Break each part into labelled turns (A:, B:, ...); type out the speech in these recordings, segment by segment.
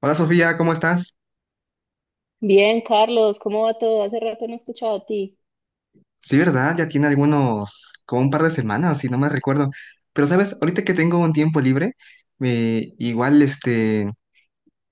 A: Hola Sofía, ¿cómo estás?
B: Bien, Carlos, ¿cómo va todo? Hace rato no he escuchado a ti.
A: Sí, ¿verdad? Ya tiene algunos, como un par de semanas, si no me recuerdo. Pero sabes, ahorita que tengo un tiempo libre, me- igual este,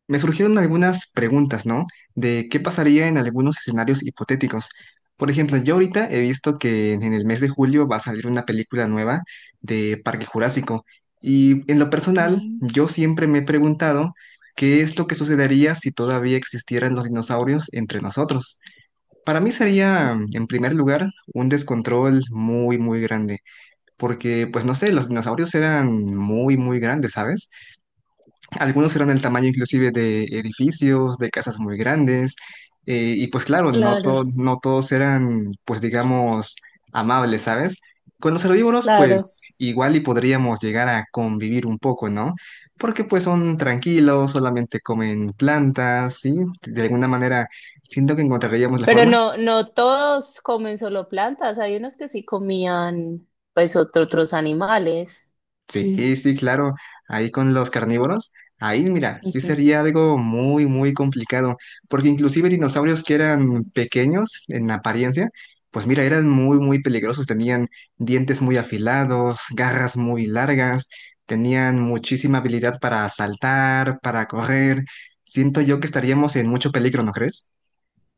A: me surgieron algunas preguntas, ¿no? De qué pasaría en algunos escenarios hipotéticos. Por ejemplo, yo ahorita he visto que en el mes de julio va a salir una película nueva de Parque Jurásico. Y en lo personal,
B: Mm.
A: yo siempre me he preguntado qué es lo que sucedería si todavía existieran los dinosaurios entre nosotros. Para mí sería, en primer lugar, un descontrol muy, muy grande, porque, pues no sé, los dinosaurios eran muy, muy grandes, ¿sabes? Algunos eran del tamaño inclusive de edificios, de casas muy grandes, y pues claro, no,
B: Claro,
A: no todos eran, pues digamos, amables, ¿sabes? Con los herbívoros,
B: claro.
A: pues igual y podríamos llegar a convivir un poco, ¿no? Porque pues son tranquilos, solamente comen plantas, ¿sí? De alguna manera, siento que encontraríamos la
B: Pero
A: forma.
B: no, no todos comen solo plantas. Hay unos que sí comían, pues, otros animales.
A: Sí, sí, claro. Ahí con los carnívoros, ahí mira, sí sería algo muy, muy complicado, porque inclusive dinosaurios que eran pequeños en apariencia, pues mira, eran muy, muy peligrosos. Tenían dientes muy afilados, garras muy largas, tenían muchísima habilidad para saltar, para correr. Siento yo que estaríamos en mucho peligro, ¿no crees?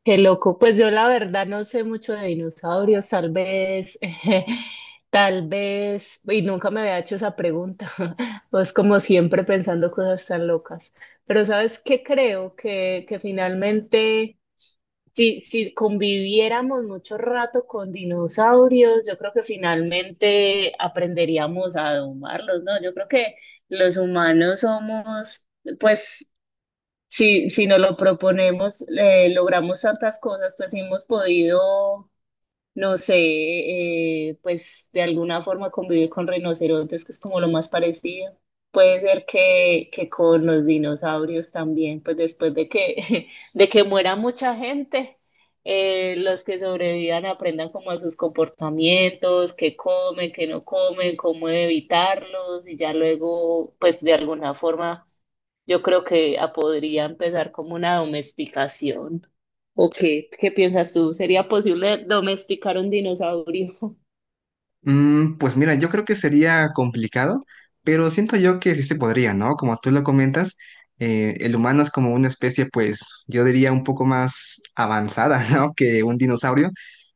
B: Qué loco. Pues yo la verdad no sé mucho de dinosaurios, tal vez, tal vez, y nunca me había hecho esa pregunta. Pues como siempre pensando cosas tan locas. Pero ¿sabes qué creo? Que finalmente, si conviviéramos mucho rato con dinosaurios, yo creo que finalmente aprenderíamos a domarlos, ¿no? Yo creo que los humanos somos, pues si nos lo proponemos, logramos tantas cosas, pues hemos podido no sé, pues de alguna forma convivir con rinocerontes, que es como lo más parecido. Puede ser que con los dinosaurios también, pues después de que, de que muera mucha gente, los que sobrevivan aprendan como a sus comportamientos, qué comen, qué no comen, cómo evitarlos y ya luego, pues de alguna forma, yo creo que podría empezar como una domesticación. ¿O qué, qué piensas tú? ¿Sería posible domesticar un dinosaurio?
A: Mm, pues mira, yo creo que sería complicado, pero siento yo que sí se podría, ¿no? Como tú lo comentas, el humano es como una especie, pues yo diría un poco más avanzada, ¿no? Que un dinosaurio,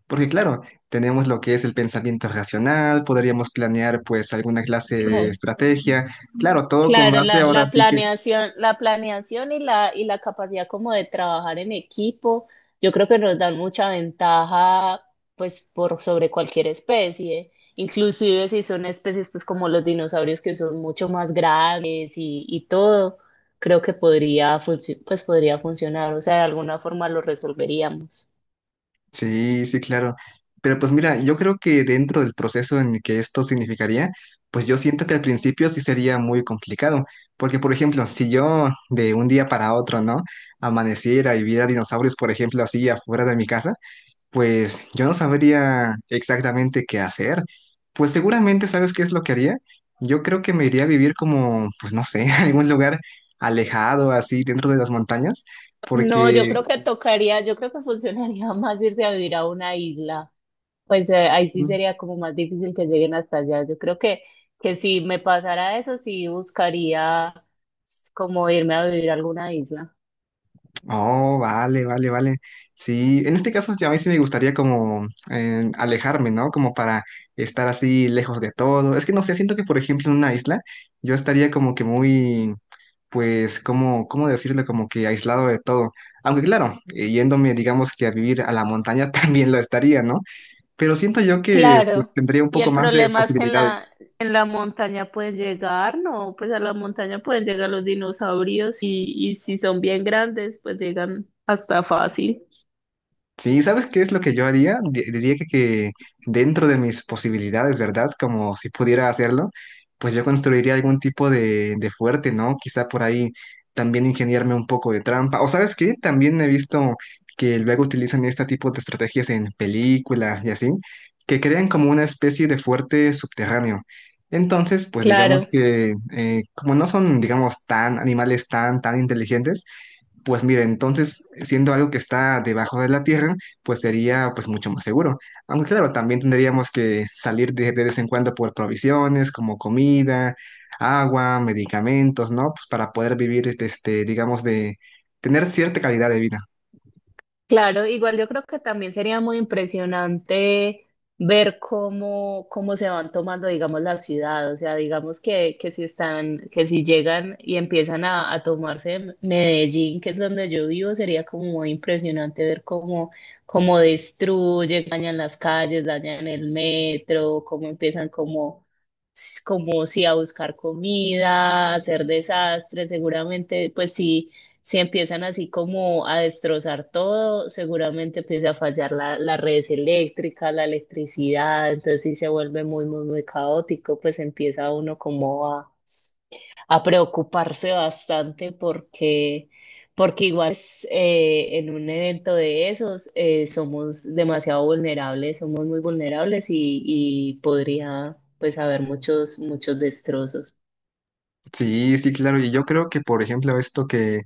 A: porque claro, tenemos lo que es el pensamiento racional, podríamos planear pues alguna clase de
B: Claro,
A: estrategia, claro, todo con
B: claro,
A: base
B: la,
A: ahora
B: la
A: sí.
B: planeación, la planeación y la capacidad como de trabajar en equipo, yo creo que nos dan mucha ventaja pues por sobre cualquier especie, inclusive si son especies pues como los dinosaurios que son mucho más grandes y todo, creo que podría pues podría funcionar, o sea, de alguna forma lo resolveríamos.
A: Sí, sí, claro. Pero pues mira, yo creo que dentro del proceso en el que esto significaría, pues yo siento que al principio sí sería muy complicado, porque por ejemplo, si yo de un día para otro, ¿no? Amaneciera y viera dinosaurios, por ejemplo, así afuera de mi casa, pues yo no sabría exactamente qué hacer. Pues seguramente, ¿sabes qué es lo que haría? Yo creo que me iría a vivir como, pues no sé, algún lugar alejado, así dentro de las montañas,
B: No, yo
A: porque...
B: creo que tocaría, yo creo que funcionaría más irse a vivir a una isla. Pues ahí sí sería como más difícil que lleguen hasta allá. Yo creo que si me pasara eso, sí buscaría como irme a vivir a alguna isla.
A: Oh, vale, vale, vale. Sí, en este caso ya a mí sí me gustaría como alejarme, ¿no? Como para estar así lejos de todo. Es que no sé, siento que por ejemplo en una isla yo estaría como que muy, pues, como, ¿cómo decirlo? Como que aislado de todo. Aunque claro, yéndome, digamos que a vivir a la montaña también lo estaría, ¿no? Pero siento yo que pues
B: Claro.
A: tendría un
B: Y
A: poco
B: el
A: más de
B: problema es que
A: posibilidades.
B: en la montaña pueden llegar, no, pues a la montaña pueden llegar los dinosaurios y si son bien grandes, pues llegan hasta fácil.
A: Sí, ¿sabes qué es lo que yo haría? Diría que dentro de mis posibilidades, ¿verdad? Como si pudiera hacerlo, pues yo construiría algún tipo de fuerte, ¿no? Quizá por ahí también ingeniarme un poco de trampa. O ¿sabes qué? También he visto que luego utilizan este tipo de estrategias en películas y así, que crean como una especie de fuerte subterráneo. Entonces, pues digamos
B: Claro.
A: que como no son, digamos, tan animales tan, tan inteligentes, pues mira, entonces, siendo algo que está debajo de la tierra, pues sería pues mucho más seguro. Aunque claro, también tendríamos que salir de vez en cuando por provisiones como comida, agua, medicamentos, ¿no? Pues para poder vivir, este, digamos, de tener cierta calidad de vida.
B: Claro, igual yo creo que también sería muy impresionante ver cómo, cómo se van tomando, digamos, la ciudad. O sea, digamos que si están, que si llegan y empiezan a tomarse Medellín, que es donde yo vivo, sería como muy impresionante ver cómo, cómo destruyen, dañan las calles, dañan el metro, cómo empiezan como si a buscar comida, a hacer desastres, seguramente, pues sí si empiezan así como a destrozar todo, seguramente empieza a fallar la, las redes eléctricas, la electricidad, entonces sí se vuelve muy, muy, muy caótico, pues empieza uno como a preocuparse bastante porque, porque igual es, en un evento de esos somos demasiado vulnerables, somos muy vulnerables y podría pues haber muchos, muchos destrozos.
A: Sí, sí, claro. Y yo creo que, por ejemplo, esto que,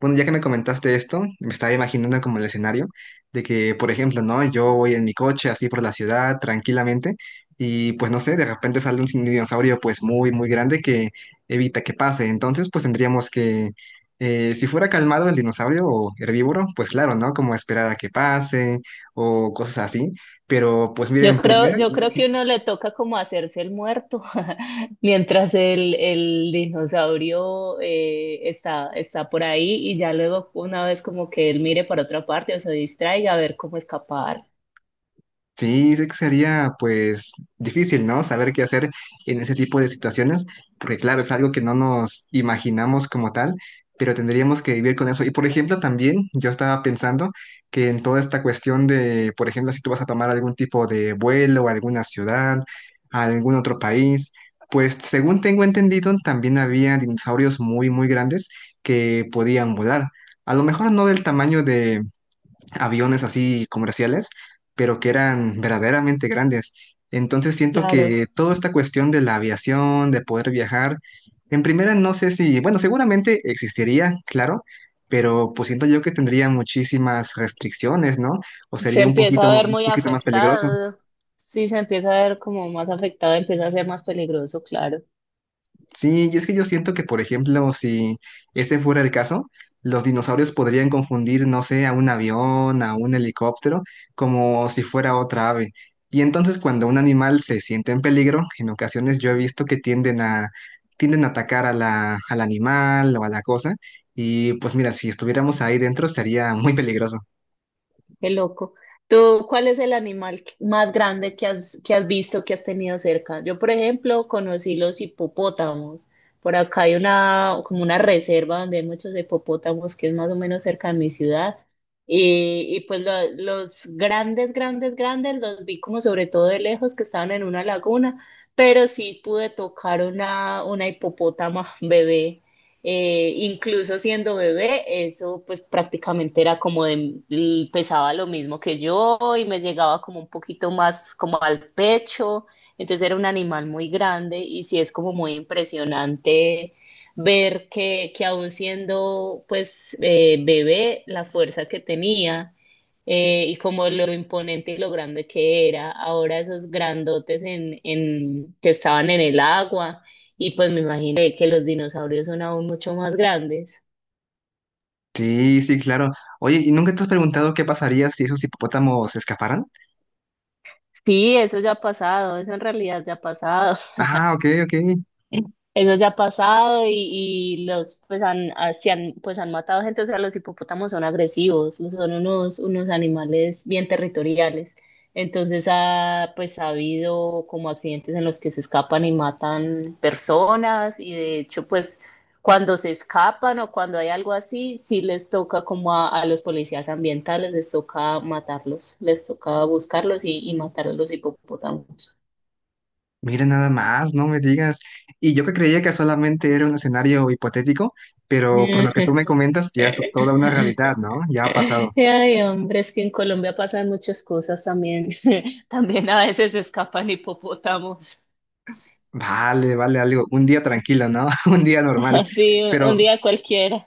A: bueno, ya que me comentaste esto, me estaba imaginando como el escenario de que, por ejemplo, ¿no? Yo voy en mi coche así por la ciudad tranquilamente y pues no sé, de repente sale un dinosaurio pues muy, muy grande que evita que pase. Entonces, pues tendríamos que, si fuera calmado el dinosaurio o herbívoro, pues claro, ¿no? Como esperar a que pase o cosas así. Pero pues miren, primero,
B: Yo creo
A: sí.
B: que uno le toca como hacerse el muerto mientras el dinosaurio está, está por ahí y ya luego una vez como que él mire para otra parte o se distraiga a ver cómo escapar.
A: Sí, sé que sería pues difícil, ¿no? Saber qué hacer en ese tipo de situaciones, porque claro, es algo que no nos imaginamos como tal, pero tendríamos que vivir con eso. Y por ejemplo, también yo estaba pensando que en toda esta cuestión de, por ejemplo, si tú vas a tomar algún tipo de vuelo a alguna ciudad, a algún otro país, pues según tengo entendido, también había dinosaurios muy, muy grandes que podían volar. A lo mejor no del tamaño aviones así comerciales, pero que eran verdaderamente grandes. Entonces siento
B: Claro.
A: que toda esta cuestión de la aviación, de poder viajar, en primera no sé si, bueno, seguramente existiría, claro, pero pues siento yo que tendría muchísimas restricciones, ¿no? O
B: Se
A: sería
B: empieza a ver
A: un
B: muy
A: poquito más peligroso.
B: afectado. Sí, se empieza a ver como más afectado, empieza a ser más peligroso, claro.
A: Sí, y es que yo siento que, por ejemplo, si ese fuera el caso, los dinosaurios podrían confundir, no sé, a un avión, a un helicóptero, como si fuera otra ave. Y entonces cuando un animal se siente en peligro, en ocasiones yo he visto que tienden tienden a atacar a al animal o a la cosa. Y pues mira, si estuviéramos ahí dentro sería muy peligroso.
B: Qué loco. ¿Tú cuál es el animal más grande que has visto, que has tenido cerca? Yo, por ejemplo, conocí los hipopótamos. Por acá hay una, como una reserva donde hay muchos hipopótamos, que es más o menos cerca de mi ciudad. Y pues los grandes, grandes, grandes los vi como sobre todo de lejos que estaban en una laguna, pero sí pude tocar una hipopótama bebé. Incluso siendo bebé, eso pues prácticamente era como de, pesaba lo mismo que yo y me llegaba como un poquito más como al pecho, entonces era un animal muy grande y sí es como muy impresionante ver que aún siendo pues bebé, la fuerza que tenía y como lo imponente y lo grande que era, ahora esos grandotes en, que estaban en el agua y pues me imaginé que los dinosaurios son aún mucho más grandes.
A: Sí, sí, claro. Oye, ¿y nunca te has preguntado qué pasaría si esos hipopótamos se escaparan?
B: Sí, eso ya ha pasado, eso en realidad ya ha pasado.
A: Ah, ok, ok.
B: Eso ya ha pasado y los pues han, se han pues han matado gente, o sea, los hipopótamos son agresivos, son unos, unos animales bien territoriales. Entonces ha pues ha habido como accidentes en los que se escapan y matan personas y de hecho pues cuando se escapan o cuando hay algo así, sí les toca como a los policías ambientales, les toca matarlos, les toca buscarlos y matar a los hipopótamos.
A: Mira nada más, no me digas. Y yo que creía que solamente era un escenario hipotético, pero por lo que tú me comentas, ya es toda una realidad, ¿no? Ya ha pasado.
B: Ay, hombre, es que en Colombia pasan muchas cosas también. También a veces escapan hipopótamos.
A: Vale, vale, algo. Un día tranquilo, ¿no? Un día normal.
B: Así,
A: Pero
B: un día cualquiera.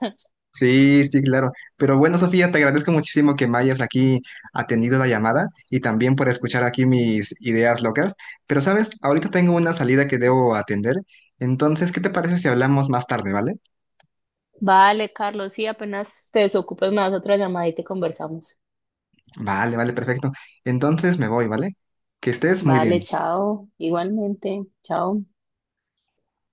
A: sí, sí, claro. Pero bueno, Sofía, te agradezco muchísimo que me hayas aquí atendido la llamada y también por escuchar aquí mis ideas locas. Pero sabes, ahorita tengo una salida que debo atender. Entonces, ¿qué te parece si hablamos más tarde, ¿vale?
B: Vale, Carlos, sí, apenas te desocupes, más otra llamada y te conversamos.
A: Vale, vale, perfecto. Entonces me voy, ¿vale? Que estés muy
B: Vale,
A: bien.
B: chao. Igualmente, chao.